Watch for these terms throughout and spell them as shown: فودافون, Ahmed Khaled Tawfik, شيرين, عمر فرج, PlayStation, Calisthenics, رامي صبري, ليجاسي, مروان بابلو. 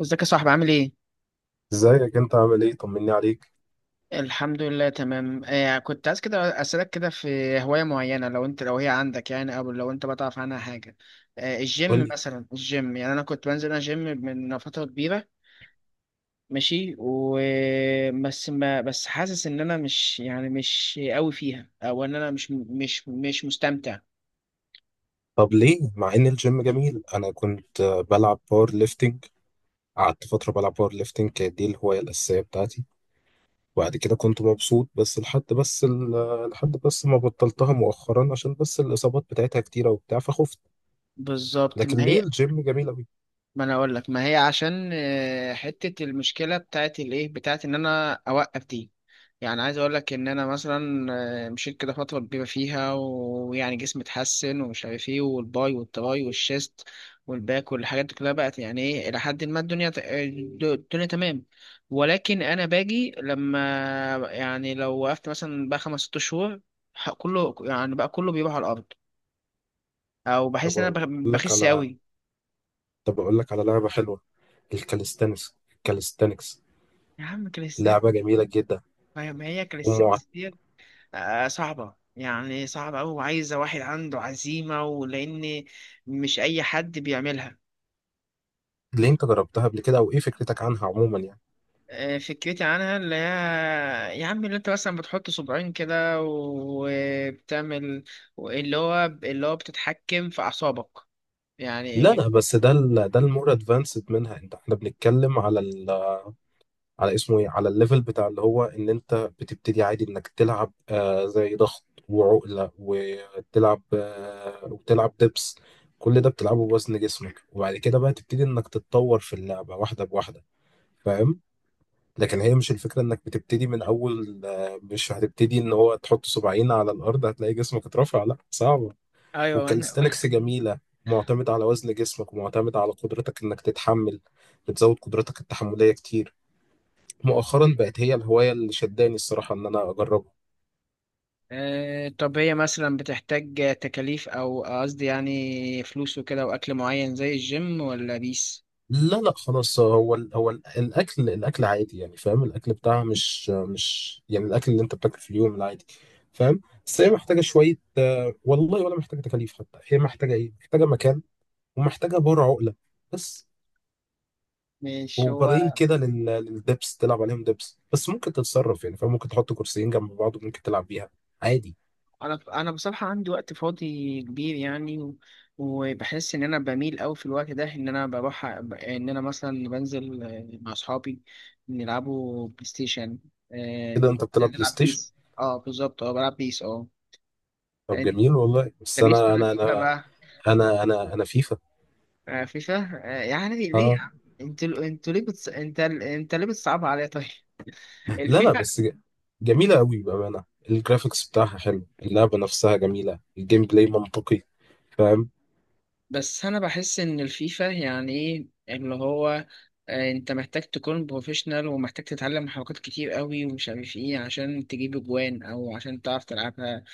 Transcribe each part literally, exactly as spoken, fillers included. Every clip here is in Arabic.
ازيك يا صاحبي، عامل ايه؟ ازيك؟ انت عامل ايه؟ طمني عليك. الحمد لله، تمام. آه كنت عايز كده اسألك كده في هواية معينة، لو انت لو هي عندك يعني، او لو انت بتعرف عنها حاجة. آه قول الجيم لي. مثلا. الجيم يعني انا كنت بنزل انا جيم من فترة كبيرة. ماشي. و بس ما بس حاسس ان انا مش يعني مش قوي فيها، او ان انا مش مش مش مستمتع. طب ليه؟ مع ان الجيم جميل، انا كنت آه، بلعب باور ليفتنج. قعدت فتره بلعب باور ليفتنج، كانت دي الهوايه الاساسيه بتاعتي. وبعد كده كنت مبسوط، بس لحد بس ال- آه، لحد بس ما بطلتها مؤخرا عشان بس الاصابات بتاعتها كتيره وبتاع فخفت. بالظبط، ما لكن ليه هي. الجيم جميل قوي؟ ما انا اقول لك ما هي، عشان آه، حته المشكله بتاعت الايه بتاعت ان انا اوقف دي. يعني عايز اقول لك ان انا مثلا آه، مشيت كده فتره كبيره فيها، ويعني جسمي اتحسن، ومش عارف ايه، والباي والتراي والشيست والباك والحاجات دي كلها بقت يعني ايه، الى حد ما الدنيا ت- آه، الدنيا تمام. ولكن انا باجي لما، يعني لو وقفت مثلا بقى خمس ست شهور، ح- كله يعني بقى، كله بيروح على الارض، او بحس طب ان انا اقول بخ- لك بخس على قوي. طب اقول لك على لعبه حلوه. الكاليستانكس الكاليستانكس يا عم كريستيانو، لعبه جميله جدا. ما ما هي ومعت... كاليستنكس ديت؟ آه، صعبة يعني، صعبة أوي، وعايزة واحد عنده عزيمة. ولأن مش أي حد بيعملها. ليه؟ انت جربتها قبل كده؟ او ايه فكرتك عنها عموما يعني؟ آه، فكرتي عنها اللي هي يا عم، اللي أنت مثلا بتحط صباعين كده وبتعمل اللي هو اللي هو بتتحكم في أعصابك. يعني لا، اللي... لا، بس ده ال ده المور ادفانسد منها. انت احنا بنتكلم على ال على اسمه ايه، على الليفل بتاع اللي هو ان انت بتبتدي عادي انك تلعب آه زي ضغط وعقله، وتلعب آه وتلعب دبس. كل ده بتلعبه بوزن جسمك، وبعد كده بقى تبتدي انك تتطور في اللعبه واحده بواحده. فاهم؟ لكن هي مش الفكره انك بتبتدي من اول، آه، مش هتبتدي ان هو تحط صباعين على الارض هتلاقي جسمك اترفع. لا، صعب. أيوه، أنا- والكاليستانكس جميلة، معتمد على وزن جسمك ومعتمد على قدرتك انك تتحمل. بتزود قدرتك التحملية كتير. مؤخرا بقت هي الهواية اللي شداني الصراحة ان انا اجربها. آه، طب هي مثلا بتحتاج تكاليف، أو قصدي يعني فلوس وكده، وأكل معين زي الجيم، ولا بيس؟ لا، لا، خلاص، هو ال هو ال الاكل الاكل عادي يعني. فاهم؟ الاكل بتاعها مش مش يعني الاكل اللي انت بتاكله في اليوم العادي. فاهم؟ بس هي محتاجة شوية، آه، والله ولا محتاجة تكاليف حتى، هي محتاجة ايه؟ محتاجة مكان، ومحتاجة بار عقلة بس. مش وبارين هو. كده لل- للدبس تلعب عليهم دبس، بس ممكن تتصرف يعني، فممكن تحط كرسيين جنب بعض وممكن تلعب بيها عادي. انا انا بصراحه عندي وقت فاضي كبير يعني، و- وبحس ان انا بميل قوي في الوقت ده ان انا بروح، أ- ب- ان انا مثلا بنزل آه، مع اصحابي نلعبوا بلاي ستيشن. كده آه، انت بتلعب بلاي نلعب ستيشن؟ بيس. اه، بالظبط، اه، بلعب بيس، اه. طب انت جميل والله، بس بيس انا ولا انا فيفا انا بقى؟ انا انا انا فيفا. آه، فيفا. آه، يعني ليه يا اه. عم؟ انتوا انتوا ليه بتص... انت انت ليه بتصعبها عليا طيب؟ لا، لا، الفيفا. بس ج- جميلة قوي بأمانة. الجرافيكس بتاعها حلو، اللعبة نفسها جميلة، الجيم بلاي منطقي. فاهم؟ بس انا بحس ان الفيفا يعني ايه، اللي هو آه، انت محتاج تكون بروفيشنال، ومحتاج تتعلم حركات كتير قوي، ومش عارف ايه، عشان تجيب اجوان، او عشان تعرف تلعبها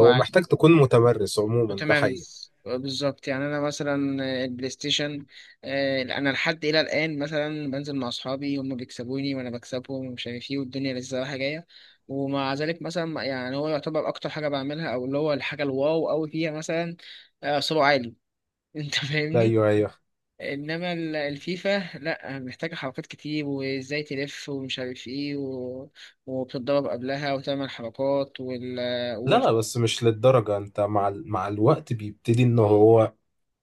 هو محتاج تكون متمرس عموما، ده حقيقي. متمرس بالظبط. يعني انا مثلا آه، البلاي ستيشن، آه، انا لحد الى الان مثلا بنزل مع اصحابي، هم بيكسبوني وانا بكسبهم ومش عارف ايه، والدنيا لسه رايحه جايه. ومع ذلك مثلا يعني هو يعتبر اكتر حاجه بعملها، او اللي هو الحاجه الواو قوي فيها مثلا آه، سرعه عالي. انت فاهمني. ايوه، ايوه. انما ال- الفيفا لا، محتاجه حركات كتير، وازاي تلف، ومش عارف ايه، و وبتتضرب قبلها وتعمل حركات، وال، لا، وال. لا، بس مش للدرجة. انت مع ال... مع الوقت بيبتدي ان هو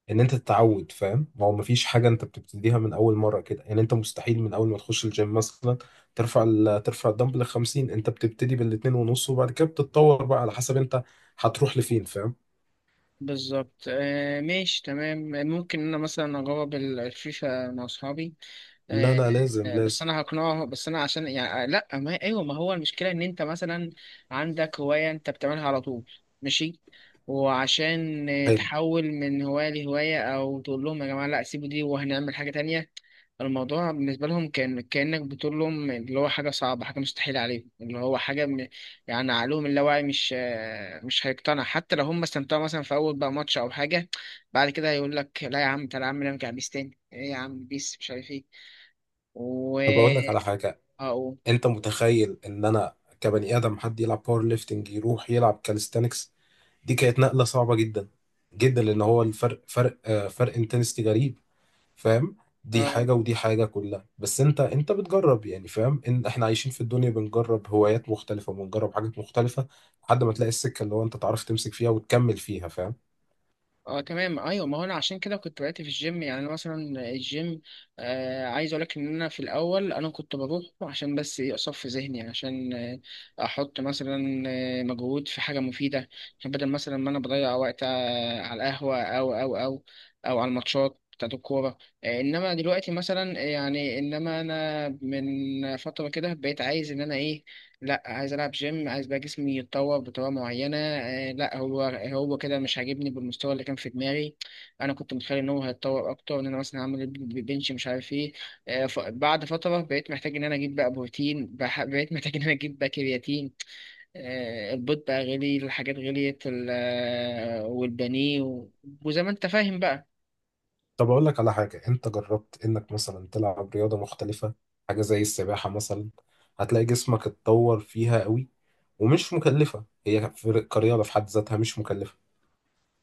ان انت تتعود. فاهم؟ ما هو مفيش حاجه انت بتبتديها من اول مره كده يعني. انت مستحيل من اول ما تخش الجيم مثلا ترفع ال... ترفع الدمبل ل خمسين، انت بتبتدي بالاتنين ونص، وبعد كده بتتطور بقى على حسب انت هتروح لفين. فاهم؟ بالظبط، آه، ماشي، تمام. ممكن انا مثلا اجرب ال- الفيفا مع اصحابي. لا، آه، لا، لازم، آه، بس لازم. انا هقنعه. بس انا عشان يعني آه، لا، ما ايوه، ما هو المشكله ان انت مثلا عندك هوايه انت بتعملها على طول، ماشي، وعشان آه، حلو. تحول من هوايه لهوايه، او تقول لهم يا جماعه لا، سيبوا دي وهنعمل حاجه تانية. الموضوع بالنسبة لهم كان كأنك بتقول لهم اللي هو حاجة صعبة، حاجة مستحيلة عليهم، اللي هو حاجة م. يعني عقلهم اللاواعي مش آه، مش هيقتنع، حتى لو هم استمتعوا مثلا في أول بقى ماتش أو حاجة، بعد كده هيقول لك لا يا عم، تعالى يا عم نرجع بيس تاني، إيه يا عم بيس مش عارف إيه. و طب اقول لك على حاجه. أه. انت متخيل ان انا كبني ادم حد يلعب باور ليفتنج يروح يلعب كاليستانكس؟ دي كانت نقله صعبه جدا جدا، لان هو الفرق فرق آه، فرق انتنستي غريب. فاهم؟ دي أه. حاجة ودي حاجة كلها، بس انت انت بتجرب يعني. فاهم؟ ان احنا عايشين في الدنيا بنجرب هوايات مختلفة وبنجرب حاجات مختلفة. لحد ما تلاقي السكة اللي هو انت تعرف تمسك فيها وتكمل فيها. فاهم؟ اه، تمام، ايوه. ما هو انا عشان كده كنت بدأت في الجيم. يعني انا مثلا الجيم، آه عايز اقول لك ان انا في الاول انا كنت بروح عشان بس ايه، اصفي ذهني يعني، عشان آه، احط مثلا آه، مجهود في حاجه مفيده، عشان بدل مثلا ما انا بضيع وقت آه، على القهوه، او او او او على الماتشات بتاعت الكوره. آه، انما دلوقتي مثلا يعني، انما انا من فتره كده بقيت عايز ان انا ايه، لا عايز العب جيم، عايز بقى جسمي يتطور بطريقه معينه. آه لا، هو هو كده مش عاجبني بالمستوى اللي كان في دماغي. انا كنت متخيل ان هو هيتطور اكتر، ان انا مثلا هعمل ب- بنش مش عارف ايه. آه، ف- بعد فتره بقيت محتاج ان انا اجيب بقى بروتين، بح- بقيت محتاج ان انا اجيب بقى كرياتين. آه البيض بقى غلي، الحاجات غليت ال- آه، والبانيه، و- وزي ما انت فاهم بقى. طب اقول لك على حاجة. انت جربت انك مثلا تلعب رياضة مختلفة؟ حاجة زي السباحة مثلا. هتلاقي جسمك اتطور فيها قوي، ومش مكلفة هي في- كرياضة في حد ذاتها. مش مكلفة.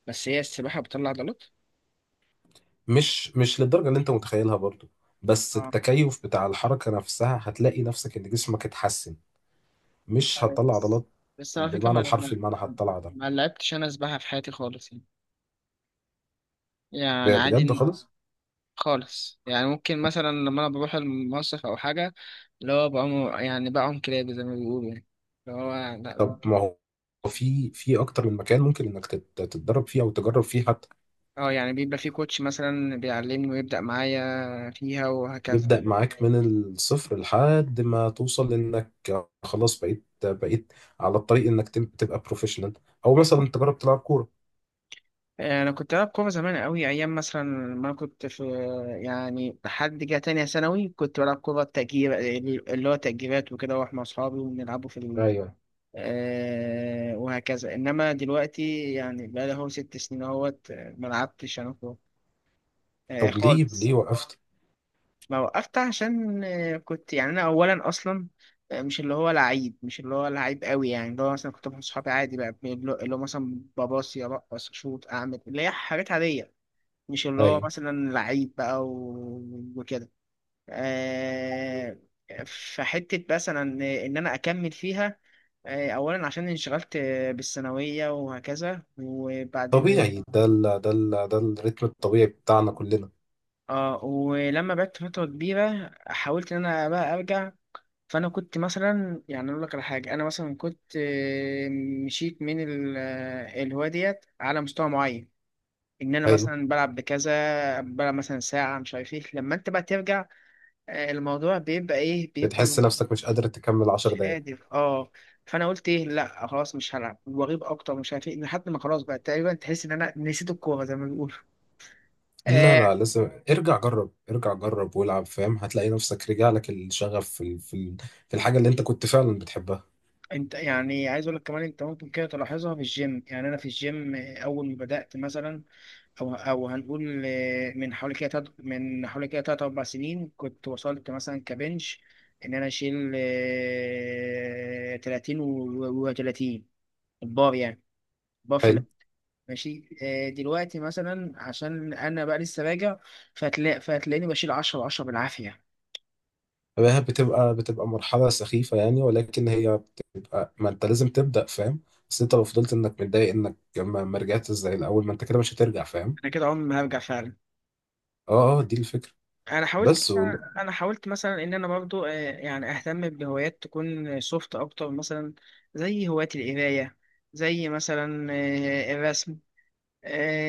بس هي السباحه بتطلع عضلات. مش مش للدرجة اللي انت متخيلها برضو. بس اه. التكيف بتاع الحركة نفسها هتلاقي نفسك ان جسمك اتحسن. مش هتطلع بس، عضلات بس على فكره، بالمعنى ما الحرفي المعنى. هتطلع عضلات ما لعبتش انا سباحه في حياتي خالص يعني، ب- يعني بجد عادي، خالص. خالص يعني. ممكن مثلا لما انا بروح المصيف او حاجه، اللي هو بعوم، يعني بعوم كلابي زي ما بيقولوا يعني، اللي هو لا- طب ما هو في في اكتر من مكان ممكن انك تت- تتدرب فيه او تجرب فيه حتى. اه. يعني بيبقى في كوتش مثلا بيعلمني، ويبدأ معايا فيها وهكذا. يبدأ معاك من الصفر لحد ما توصل انك خلاص بقيت بقيت على الطريق انك تب- تبقى بروفيشنال. او مثلا تجرب تلعب كورة. انا كنت بلعب كوره زمان قوي، ايام مثلا ما كنت في، يعني لحد جه تانية ثانوي كنت بلعب كوره تأجير، اللي هو تأجيرات وكده، واروح مع اصحابي ونلعبوا في ال... ايوه. آه وهكذا. انما دلوقتي يعني بقى لي هو ست سنين اهوت ما لعبتش انا آه، طب ليه خالص. ليه وقفت؟ ما وقفت عشان آه، كنت يعني، انا اولا اصلا آه، مش اللي هو لعيب، مش اللي هو لعيب قوي، يعني اللي هو مثلا كنت مع صحابي عادي بقى، اللي هو اللي هو مثلا بباصي ارقص اشوط اعمل، اللي هي حاجات عاديه، مش اللي هو ايوه، مثلا لعيب بقى، و- وكده. آه، فحته مثلا ان انا اكمل فيها آه، اولا عشان انشغلت آه، بالثانويه وهكذا، وبعدين طبيعي. ده ال ده ال ده الريتم الطبيعي بتاعنا كلنا. اه، ولما بعدت فترة كبيرة حاولت ان انا بقى ارجع. فانا كنت مثلا يعني اقول لك على حاجه، انا مثلا كنت آه، مشيت من ال- آه، الهوايه ديت على مستوى معين، ان انا ايوه. مثلا بلعب بكذا، بلعب مثلا ساعه مش عارف ايه. لما انت بقى ترجع، آه، الموضوع بيبقى ايه، بيبقى بتحس نفسك مش قادر تكمل 10 مش دقايق. قادر، اه. فانا قلت ايه، لا خلاص مش هلعب، واغيب اكتر، مش عارف ايه، لحد ما خلاص بقى تقريبا تحس ان انا نسيت الكوره زي ما بيقولوا. لا، آه، لا، لسه ارجع جرب، ارجع جرب والعب. فاهم؟ هتلاقي نفسك رجع لك الشغف في ال- في ال- في الحاجة اللي انت كنت فعلا بتحبها. انت يعني عايز اقول لك كمان، انت ممكن كده تلاحظها في الجيم. يعني انا في الجيم اول ما بدأت مثلا، او او هنقول آه، من حوالي كده تلات- من حوالي كده تلات اربع سنين كنت وصلت مثلا كبنش ان انا اشيل تلاتين وتلاتين البار يعني، البار في حلو. ال- ماشي. آه، دلوقتي مثلا عشان انا بقى لسه راجع، فهتلاقي، فهتلاقيني بشيل عشرة عشرة بالعافية. فهي بتبقى بتبقى مرحلة سخيفة يعني، ولكن هي بتبقى. ما انت لازم تبدأ. فاهم؟ بس انت لو فضلت انك متضايق انك ما ما رجعتش زي الاول ما انت كده، مش هترجع. فاهم؟ انا كده عمري ما هرجع فعلا. اه، اه، دي الفكرة. انا حاولت. بس وال- انا حاولت مثلا ان انا برضو آه، يعني اهتم بهوايات تكون سوفت اكتر مثلا، زي هواية القرايه، زي مثلا آه، الرسم،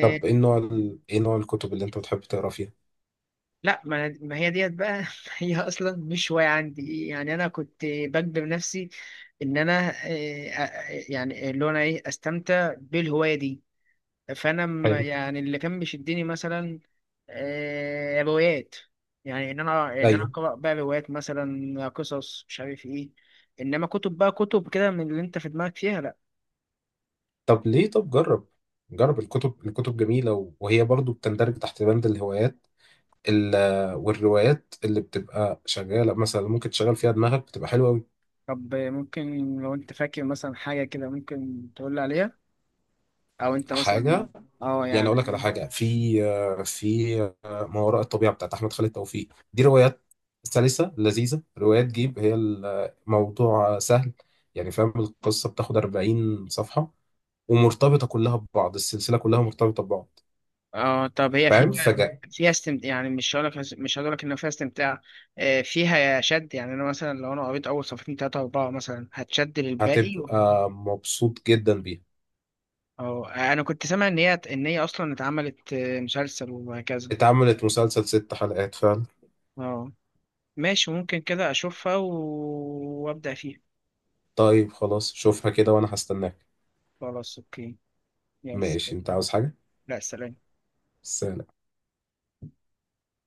طب ايه نوع ال... ايه نوع الكتب اللي انت بتحب تقرا فيها؟ لا، ما أنا- ما هي ديت بقى. هي اصلا مش هوايه عندي يعني. انا كنت بجبر نفسي ان انا آه، آه، يعني اللي هو انا ايه، استمتع بالهوايه دي. فانا م- حلو. يعني اللي كان بيشدني مثلا آه، روايات، يعني ان انا ان انا ايوه. اقرا بقى روايات، مثلا قصص مش عارف ايه. انما كتب بقى، كتب كده من اللي انت في دماغك فيها، لا. طب ليه طب جرب، جرب الكتب. الكتب جميلة، وهي برضو بتندرج تحت بند الهوايات. ال- والروايات اللي بتبقى شغاله مثلا ممكن تشغل فيها دماغك، بتبقى حلوه قوي. طب ممكن لو انت فاكر مثلا حاجه كده ممكن تقول لي عليها، او انت مثلا، حاجه. اه يعني اقول يعني لك على حاجه. حاجه، في آه، في آه، ما وراء الطبيعه بتاعت احمد خالد توفيق. دي روايات سلسه لذيذه، روايات جيب. هي الموضوع سهل يعني. فاهم؟ القصه بتاخد 40 صفحه، ومرتبطه كلها ببعض، السلسله كلها مرتبطه ببعض. اه، طب هي فيها، فاهم؟ فجأة فيها استمتاع يعني، مش هقول لك، مش هقول لك ان فيها استمتاع، آه، فيها شد يعني. انا مثلا لو انا قريت اول صفحتين ثلاثه اربعه مثلا هتشد للباقي. هتبقى مبسوط جدا بيها. اه، انا كنت سامع ان هي ان هي اصلا اتعملت آه، مسلسل، وهكذا. اتعملت مسلسل ست حلقات فعلا. اه، ماشي، ممكن كده اشوفها و وابدا فيها. طيب، خلاص، شوفها كده وانا هستناك. خلاص، اوكي. يلا ماشي. سلام. انت عاوز حاجة؟ لا سلام. بس.